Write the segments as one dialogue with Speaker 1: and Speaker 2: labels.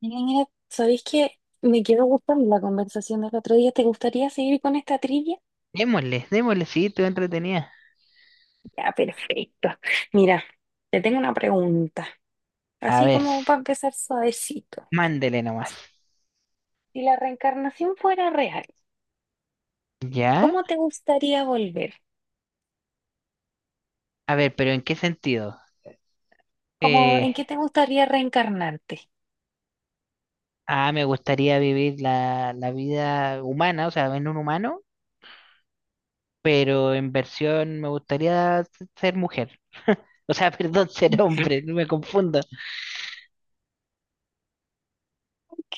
Speaker 1: Mira, mira, ¿sabéis que me quedó gustando la conversación del otro día? ¿Te gustaría seguir con esta trivia?
Speaker 2: Démosle, démosle, sí, tú entretenida.
Speaker 1: Ya, perfecto. Mira, te tengo una pregunta,
Speaker 2: A
Speaker 1: así
Speaker 2: ver,
Speaker 1: como para empezar suavecito.
Speaker 2: mándele nomás.
Speaker 1: Si la reencarnación fuera real,
Speaker 2: ¿Ya?
Speaker 1: ¿cómo te gustaría volver?
Speaker 2: A ver, pero ¿en qué sentido?
Speaker 1: ¿Cómo,
Speaker 2: Eh,
Speaker 1: en qué te gustaría reencarnarte?
Speaker 2: Me gustaría vivir la vida humana, o sea, en un humano, pero en versión me gustaría ser mujer. O sea, perdón, ser
Speaker 1: Ujú.
Speaker 2: hombre, no me confundo.
Speaker 1: Ok,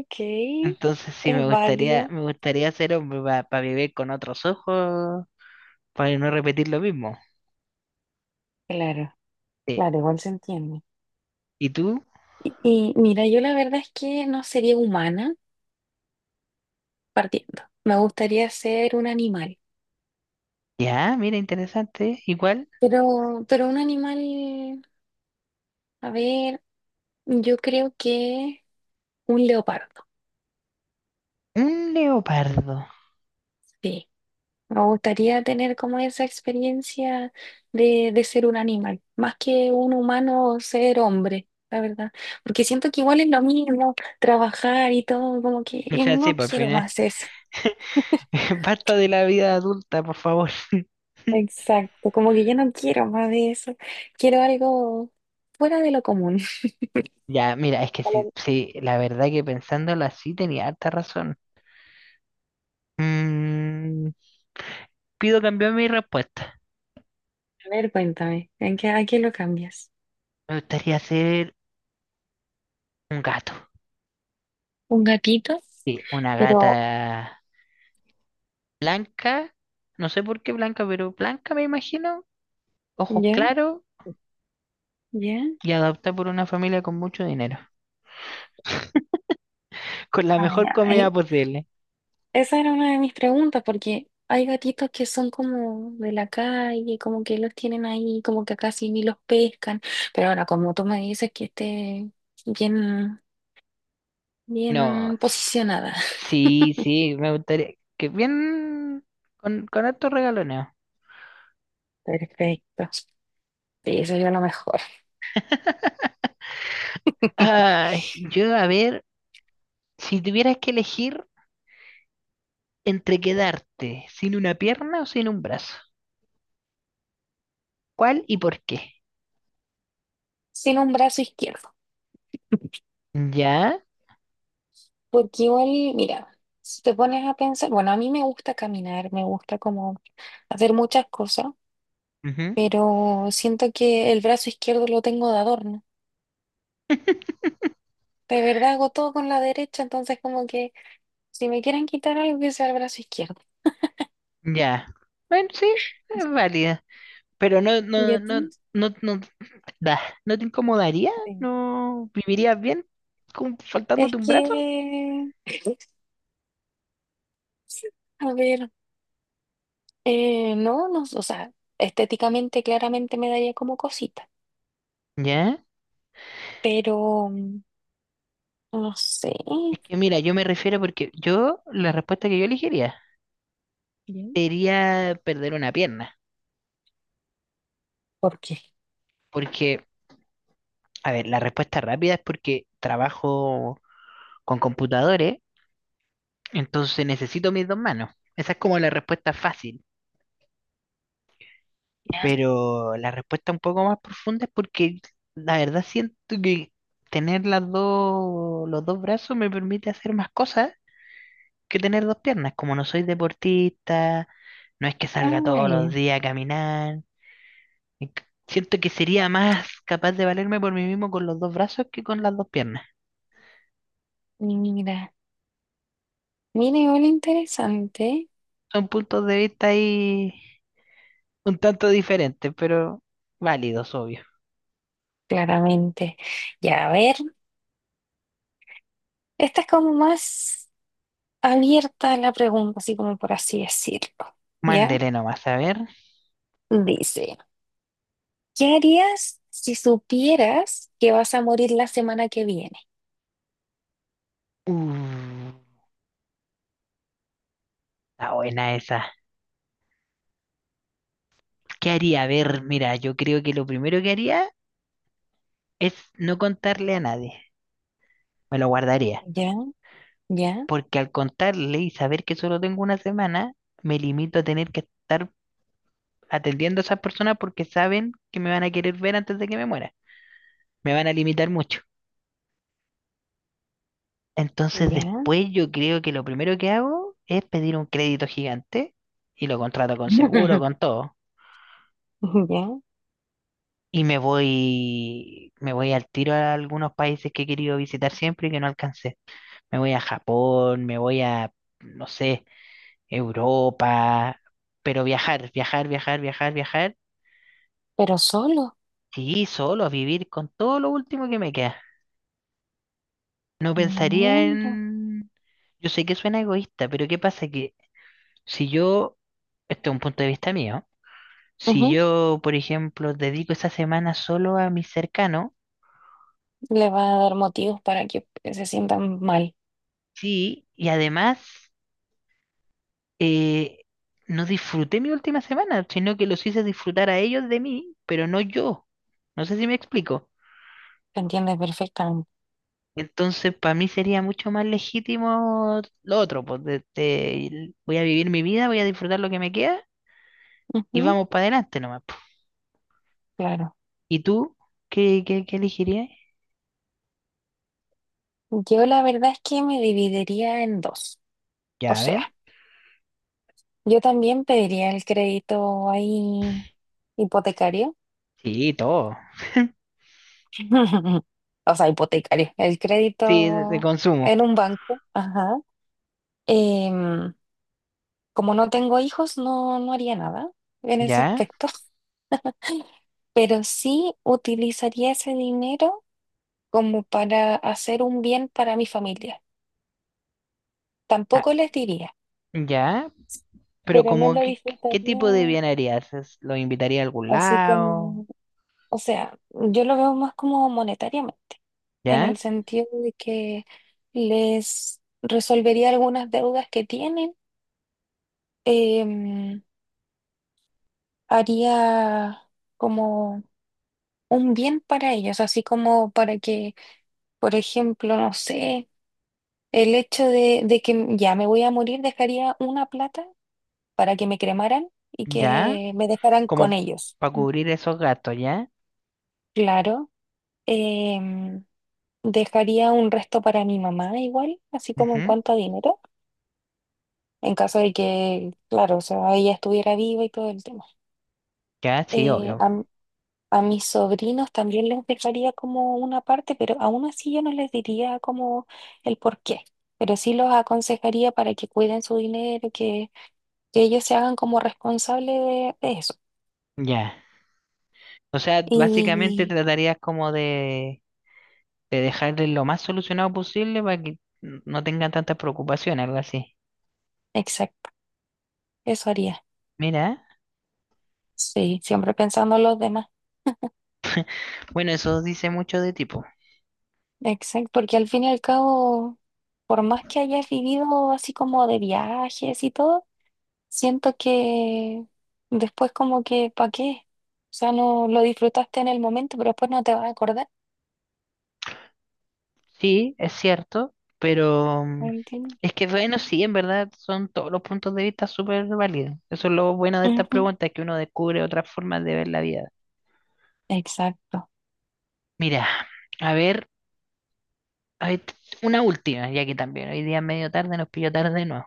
Speaker 1: ok,
Speaker 2: Entonces sí,
Speaker 1: es
Speaker 2: me gustaría,
Speaker 1: válido.
Speaker 2: me gustaría ser hombre para vivir con otros ojos, para no repetir lo mismo.
Speaker 1: Claro,
Speaker 2: Sí.
Speaker 1: claro, igual se entiende.
Speaker 2: ¿Y tú?
Speaker 1: Y, y mira, yo la verdad es que no sería humana partiendo. Me gustaría ser un animal.
Speaker 2: Ya, mira, interesante. Igual,
Speaker 1: Pero un animal, a ver, yo creo que un leopardo,
Speaker 2: un leopardo.
Speaker 1: sí. Me gustaría tener como esa experiencia de ser un animal, más que un humano o ser hombre, la verdad. Porque siento que igual es lo mismo, trabajar y todo, como que
Speaker 2: O sea, sí,
Speaker 1: no
Speaker 2: por
Speaker 1: quiero
Speaker 2: fin, ¿eh?
Speaker 1: más eso.
Speaker 2: Basta de la vida adulta, por favor.
Speaker 1: Exacto, como que yo no quiero más de eso. Quiero algo fuera de lo común.
Speaker 2: Ya, mira, es que
Speaker 1: A
Speaker 2: sí,
Speaker 1: lo-
Speaker 2: sí, la verdad que pensándolo así tenía harta razón. Mm, pido cambiar mi respuesta.
Speaker 1: a ver, cuéntame, ¿en qué, a qué lo cambias?
Speaker 2: Me gustaría ser un gato.
Speaker 1: ¿Un gatito?
Speaker 2: Sí, una
Speaker 1: Pero
Speaker 2: gata blanca. No sé por qué blanca, pero blanca me imagino. Ojos
Speaker 1: ¿ya?
Speaker 2: claros
Speaker 1: ¿Ya?
Speaker 2: y adoptada por una familia con mucho dinero. Con la
Speaker 1: Ah,
Speaker 2: mejor
Speaker 1: ya.
Speaker 2: comida posible.
Speaker 1: Esa era una de mis preguntas, porque hay gatitos que son como de la calle, como que los tienen ahí, como que casi ni los pescan. Pero ahora, como tú me dices que esté bien,
Speaker 2: No,
Speaker 1: bien posicionada.
Speaker 2: sí, sí, me gustaría. Que bien con estos regalones.
Speaker 1: Perfecto. Sí, sería lo mejor.
Speaker 2: Ay, yo a ver, si tuvieras que elegir entre quedarte sin una pierna o sin un brazo, ¿cuál y por qué?
Speaker 1: Sin un brazo izquierdo.
Speaker 2: Ya,
Speaker 1: Porque igual, mira, si te pones a pensar, bueno, a mí me gusta caminar, me gusta como hacer muchas cosas,
Speaker 2: ujú,
Speaker 1: pero siento que el brazo izquierdo lo tengo de adorno. De verdad hago todo con la derecha, entonces como que si me quieren quitar algo que sea el brazo izquierdo.
Speaker 2: ya. Bueno, sí, es válida. Pero no,
Speaker 1: ¿Y a
Speaker 2: no, no,
Speaker 1: ti?
Speaker 2: no, no, da, ¿no te incomodaría?
Speaker 1: Sí.
Speaker 2: ¿No vivirías bien con,
Speaker 1: Es
Speaker 2: faltándote un brazo?
Speaker 1: que, a ver, no, no, o sea, estéticamente claramente me daría como cosita,
Speaker 2: Ya.
Speaker 1: pero no sé.
Speaker 2: Es que mira, yo me refiero porque yo, la respuesta que yo elegiría
Speaker 1: Bien.
Speaker 2: sería perder una pierna.
Speaker 1: Por qué.
Speaker 2: Porque, a ver, la respuesta rápida es porque trabajo con computadores, entonces necesito mis dos manos. Esa es como la respuesta fácil,
Speaker 1: Ya.
Speaker 2: pero la respuesta un poco más profunda es porque la verdad siento que tener los dos brazos me permite hacer más cosas que tener dos piernas. Como no soy deportista, no es que salga todos
Speaker 1: Ay,
Speaker 2: los días a caminar. y c- Siento que sería más capaz de valerme por mí mismo con los dos brazos que con las dos piernas.
Speaker 1: mira, mira, igual interesante,
Speaker 2: Son puntos de vista ahí un tanto diferentes, pero válidos, obvio.
Speaker 1: claramente. Ya, a ver, esta es como más abierta la pregunta, así como por así decirlo. ¿Ya?
Speaker 2: Mándele nomás, a ver.
Speaker 1: Dice, ¿qué harías si supieras que vas a morir la semana que viene?
Speaker 2: Uh, está buena esa. ¿Qué haría? A ver, mira, yo creo que lo primero que haría es no contarle a nadie. Me lo guardaría.
Speaker 1: Ya, ya,
Speaker 2: Porque al contarle y saber que solo tengo una semana, me limito a tener que estar atendiendo a esas personas porque saben que me van a querer ver antes de que me muera. Me van a limitar mucho. Entonces
Speaker 1: ya,
Speaker 2: después yo creo que lo primero que hago es pedir un crédito gigante y lo contrato con seguro, con todo.
Speaker 1: ya,
Speaker 2: Y me voy al tiro a algunos países que he querido visitar siempre y que no alcancé. Me voy a Japón, me voy a, no sé, Europa, pero viajar, viajar, viajar, viajar, viajar
Speaker 1: pero solo.
Speaker 2: y solo a vivir con todo lo último que me queda. No pensaría
Speaker 1: Mira.
Speaker 2: en... Yo sé que suena egoísta, pero ¿qué pasa? Que si yo, este es un punto de vista mío, si
Speaker 1: Ujú,
Speaker 2: yo, por ejemplo, dedico esa semana solo a mis cercanos,
Speaker 1: le va a dar motivos para que se sientan mal.
Speaker 2: sí, y además eh, no disfruté mi última semana, sino que los hice disfrutar a ellos de mí, pero no yo. No sé si me explico.
Speaker 1: ¿Te entiendes perfectamente?
Speaker 2: Entonces, para mí sería mucho más legítimo lo otro, pues voy a vivir mi vida, voy a disfrutar lo que me queda y
Speaker 1: Ujú,
Speaker 2: vamos para adelante nomás, po.
Speaker 1: claro.
Speaker 2: ¿Y tú? ¿Qué elegirías?
Speaker 1: Yo la verdad es que me dividiría en dos. O
Speaker 2: ¿Ya
Speaker 1: sea,
Speaker 2: ven?
Speaker 1: yo también pediría el crédito ahí hipotecario.
Speaker 2: Sí, todo.
Speaker 1: O sea, hipotecario. El
Speaker 2: Sí, de
Speaker 1: crédito
Speaker 2: consumo.
Speaker 1: en un banco. Ajá. Em, Como no tengo hijos, no, no haría nada en ese
Speaker 2: ¿Ya?
Speaker 1: aspecto, pero sí utilizaría ese dinero como para hacer un bien para mi familia.
Speaker 2: Ah,
Speaker 1: Tampoco les diría,
Speaker 2: ¿ya? Pero
Speaker 1: pero no
Speaker 2: como,
Speaker 1: lo
Speaker 2: ¿qué
Speaker 1: disfrutaría
Speaker 2: tipo de bien harías? ¿Lo invitaría a algún
Speaker 1: así
Speaker 2: lado?
Speaker 1: como, o sea, yo lo veo más como monetariamente, en
Speaker 2: ¿Ya?
Speaker 1: el sentido de que les resolvería algunas deudas que tienen. em, Haría como un bien para ellos, así como para que, por ejemplo, no sé, el hecho de que ya me voy a morir, dejaría una plata para que me cremaran y
Speaker 2: ¿Ya?
Speaker 1: que me dejaran con
Speaker 2: Como
Speaker 1: ellos.
Speaker 2: para cubrir esos gastos, ¿ya?
Speaker 1: Claro, em, dejaría un resto para mi mamá igual, así como en
Speaker 2: Ujú.
Speaker 1: cuanto a dinero, en caso de que, claro, o sea, ella estuviera viva y todo el tema.
Speaker 2: Ya, sí,
Speaker 1: Eh,
Speaker 2: obvio.
Speaker 1: a A mis sobrinos también les dejaría como una parte, pero aún así yo no les diría como el por qué, pero sí los aconsejaría para que cuiden su dinero, que ellos se hagan como responsables de eso.
Speaker 2: Ya. O sea, básicamente
Speaker 1: Y
Speaker 2: tratarías como de dejarles lo más solucionado posible para que no tengan tantas preocupaciones, algo así.
Speaker 1: exacto, eso haría.
Speaker 2: Mira,
Speaker 1: Sí, siempre pensando en los demás.
Speaker 2: bueno, eso dice mucho de tipo.
Speaker 1: Exacto, porque al fin y al cabo, por más que hayas vivido así como de viajes y todo, siento que después como que, ¿para qué? O sea, no lo disfrutaste en el momento, pero después no te vas a acordar,
Speaker 2: Sí, es cierto, pero mm,
Speaker 1: ¿me entiendes?
Speaker 2: es que bueno, sí, en verdad son todos los puntos de vista súper válidos. Eso es lo bueno de estas
Speaker 1: Ujú,
Speaker 2: preguntas, que uno descubre otras formas de ver la vida.
Speaker 1: exacto.
Speaker 2: Mira, a ver. A ver, una última, ya que también hoy día es medio tarde, nos pilló tarde de nuevo.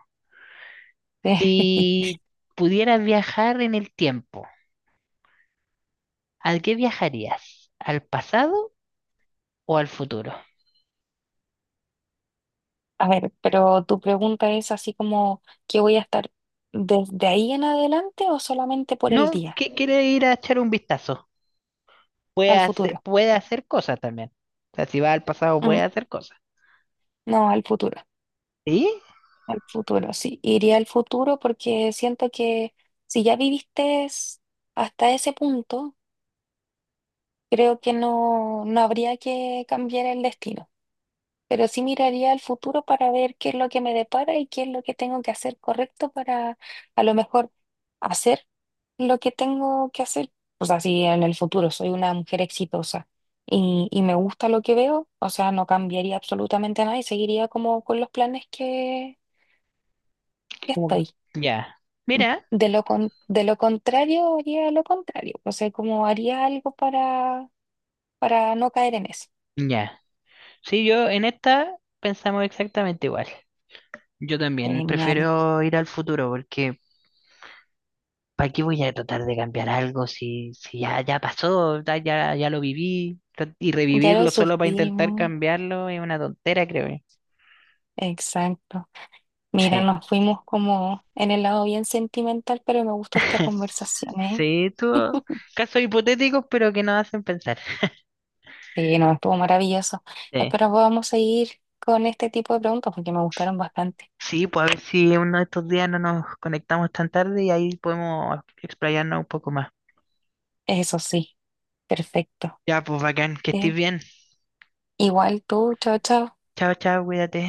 Speaker 2: Si pudieras viajar en el tiempo, ¿a qué viajarías? ¿Al pasado o al futuro?
Speaker 1: A ver, pero tu pregunta es así como, ¿qué voy a estar desde ahí en adelante o solamente por el
Speaker 2: No,
Speaker 1: día,
Speaker 2: que quiere ir a echar un vistazo.
Speaker 1: al futuro?
Speaker 2: Puede hacer cosas también. O sea, si va al pasado puede
Speaker 1: Mm,
Speaker 2: hacer cosas.
Speaker 1: no,
Speaker 2: ¿Sí?
Speaker 1: al futuro, sí. Iría al futuro porque siento que si ya viviste hasta ese punto, creo que no, no habría que cambiar el destino. Pero sí miraría al futuro para ver qué es lo que me depara y qué es lo que tengo que hacer correcto para a lo mejor hacer lo que tengo que hacer. O sea, si en el futuro soy una mujer exitosa y me gusta lo que veo, o sea, no cambiaría absolutamente nada y seguiría como con los planes que
Speaker 2: Como
Speaker 1: estoy.
Speaker 2: ya. Mira,
Speaker 1: De lo con- de lo contrario, haría lo contrario. O sea, como haría algo para no caer en eso.
Speaker 2: ya. Sí, yo en esta pensamos exactamente igual. Yo también
Speaker 1: Genial.
Speaker 2: prefiero ir al futuro porque ¿para qué voy a tratar de cambiar algo si, si ya, ya pasó, ya lo viví? Y
Speaker 1: Ya lo
Speaker 2: revivirlo solo para intentar
Speaker 1: sufrimos.
Speaker 2: cambiarlo es una tontera, creo yo.
Speaker 1: Exacto. Mira,
Speaker 2: Sí.
Speaker 1: nos fuimos como en el lado bien sentimental, pero me gustó esta conversación, ¿eh?
Speaker 2: Sí, tú, casos hipotéticos, pero que nos hacen pensar.
Speaker 1: Sí, no, estuvo maravilloso.
Speaker 2: Sí.
Speaker 1: Espero podamos seguir con este tipo de preguntas porque me gustaron bastante.
Speaker 2: Sí, pues a ver si uno de estos días no nos conectamos tan tarde y ahí podemos explayarnos un poco más.
Speaker 1: Eso sí, perfecto.
Speaker 2: Ya, pues bacán, que estés
Speaker 1: ¿Eh?
Speaker 2: bien.
Speaker 1: Igual tú, chao, chao.
Speaker 2: Chao, chao, cuídate.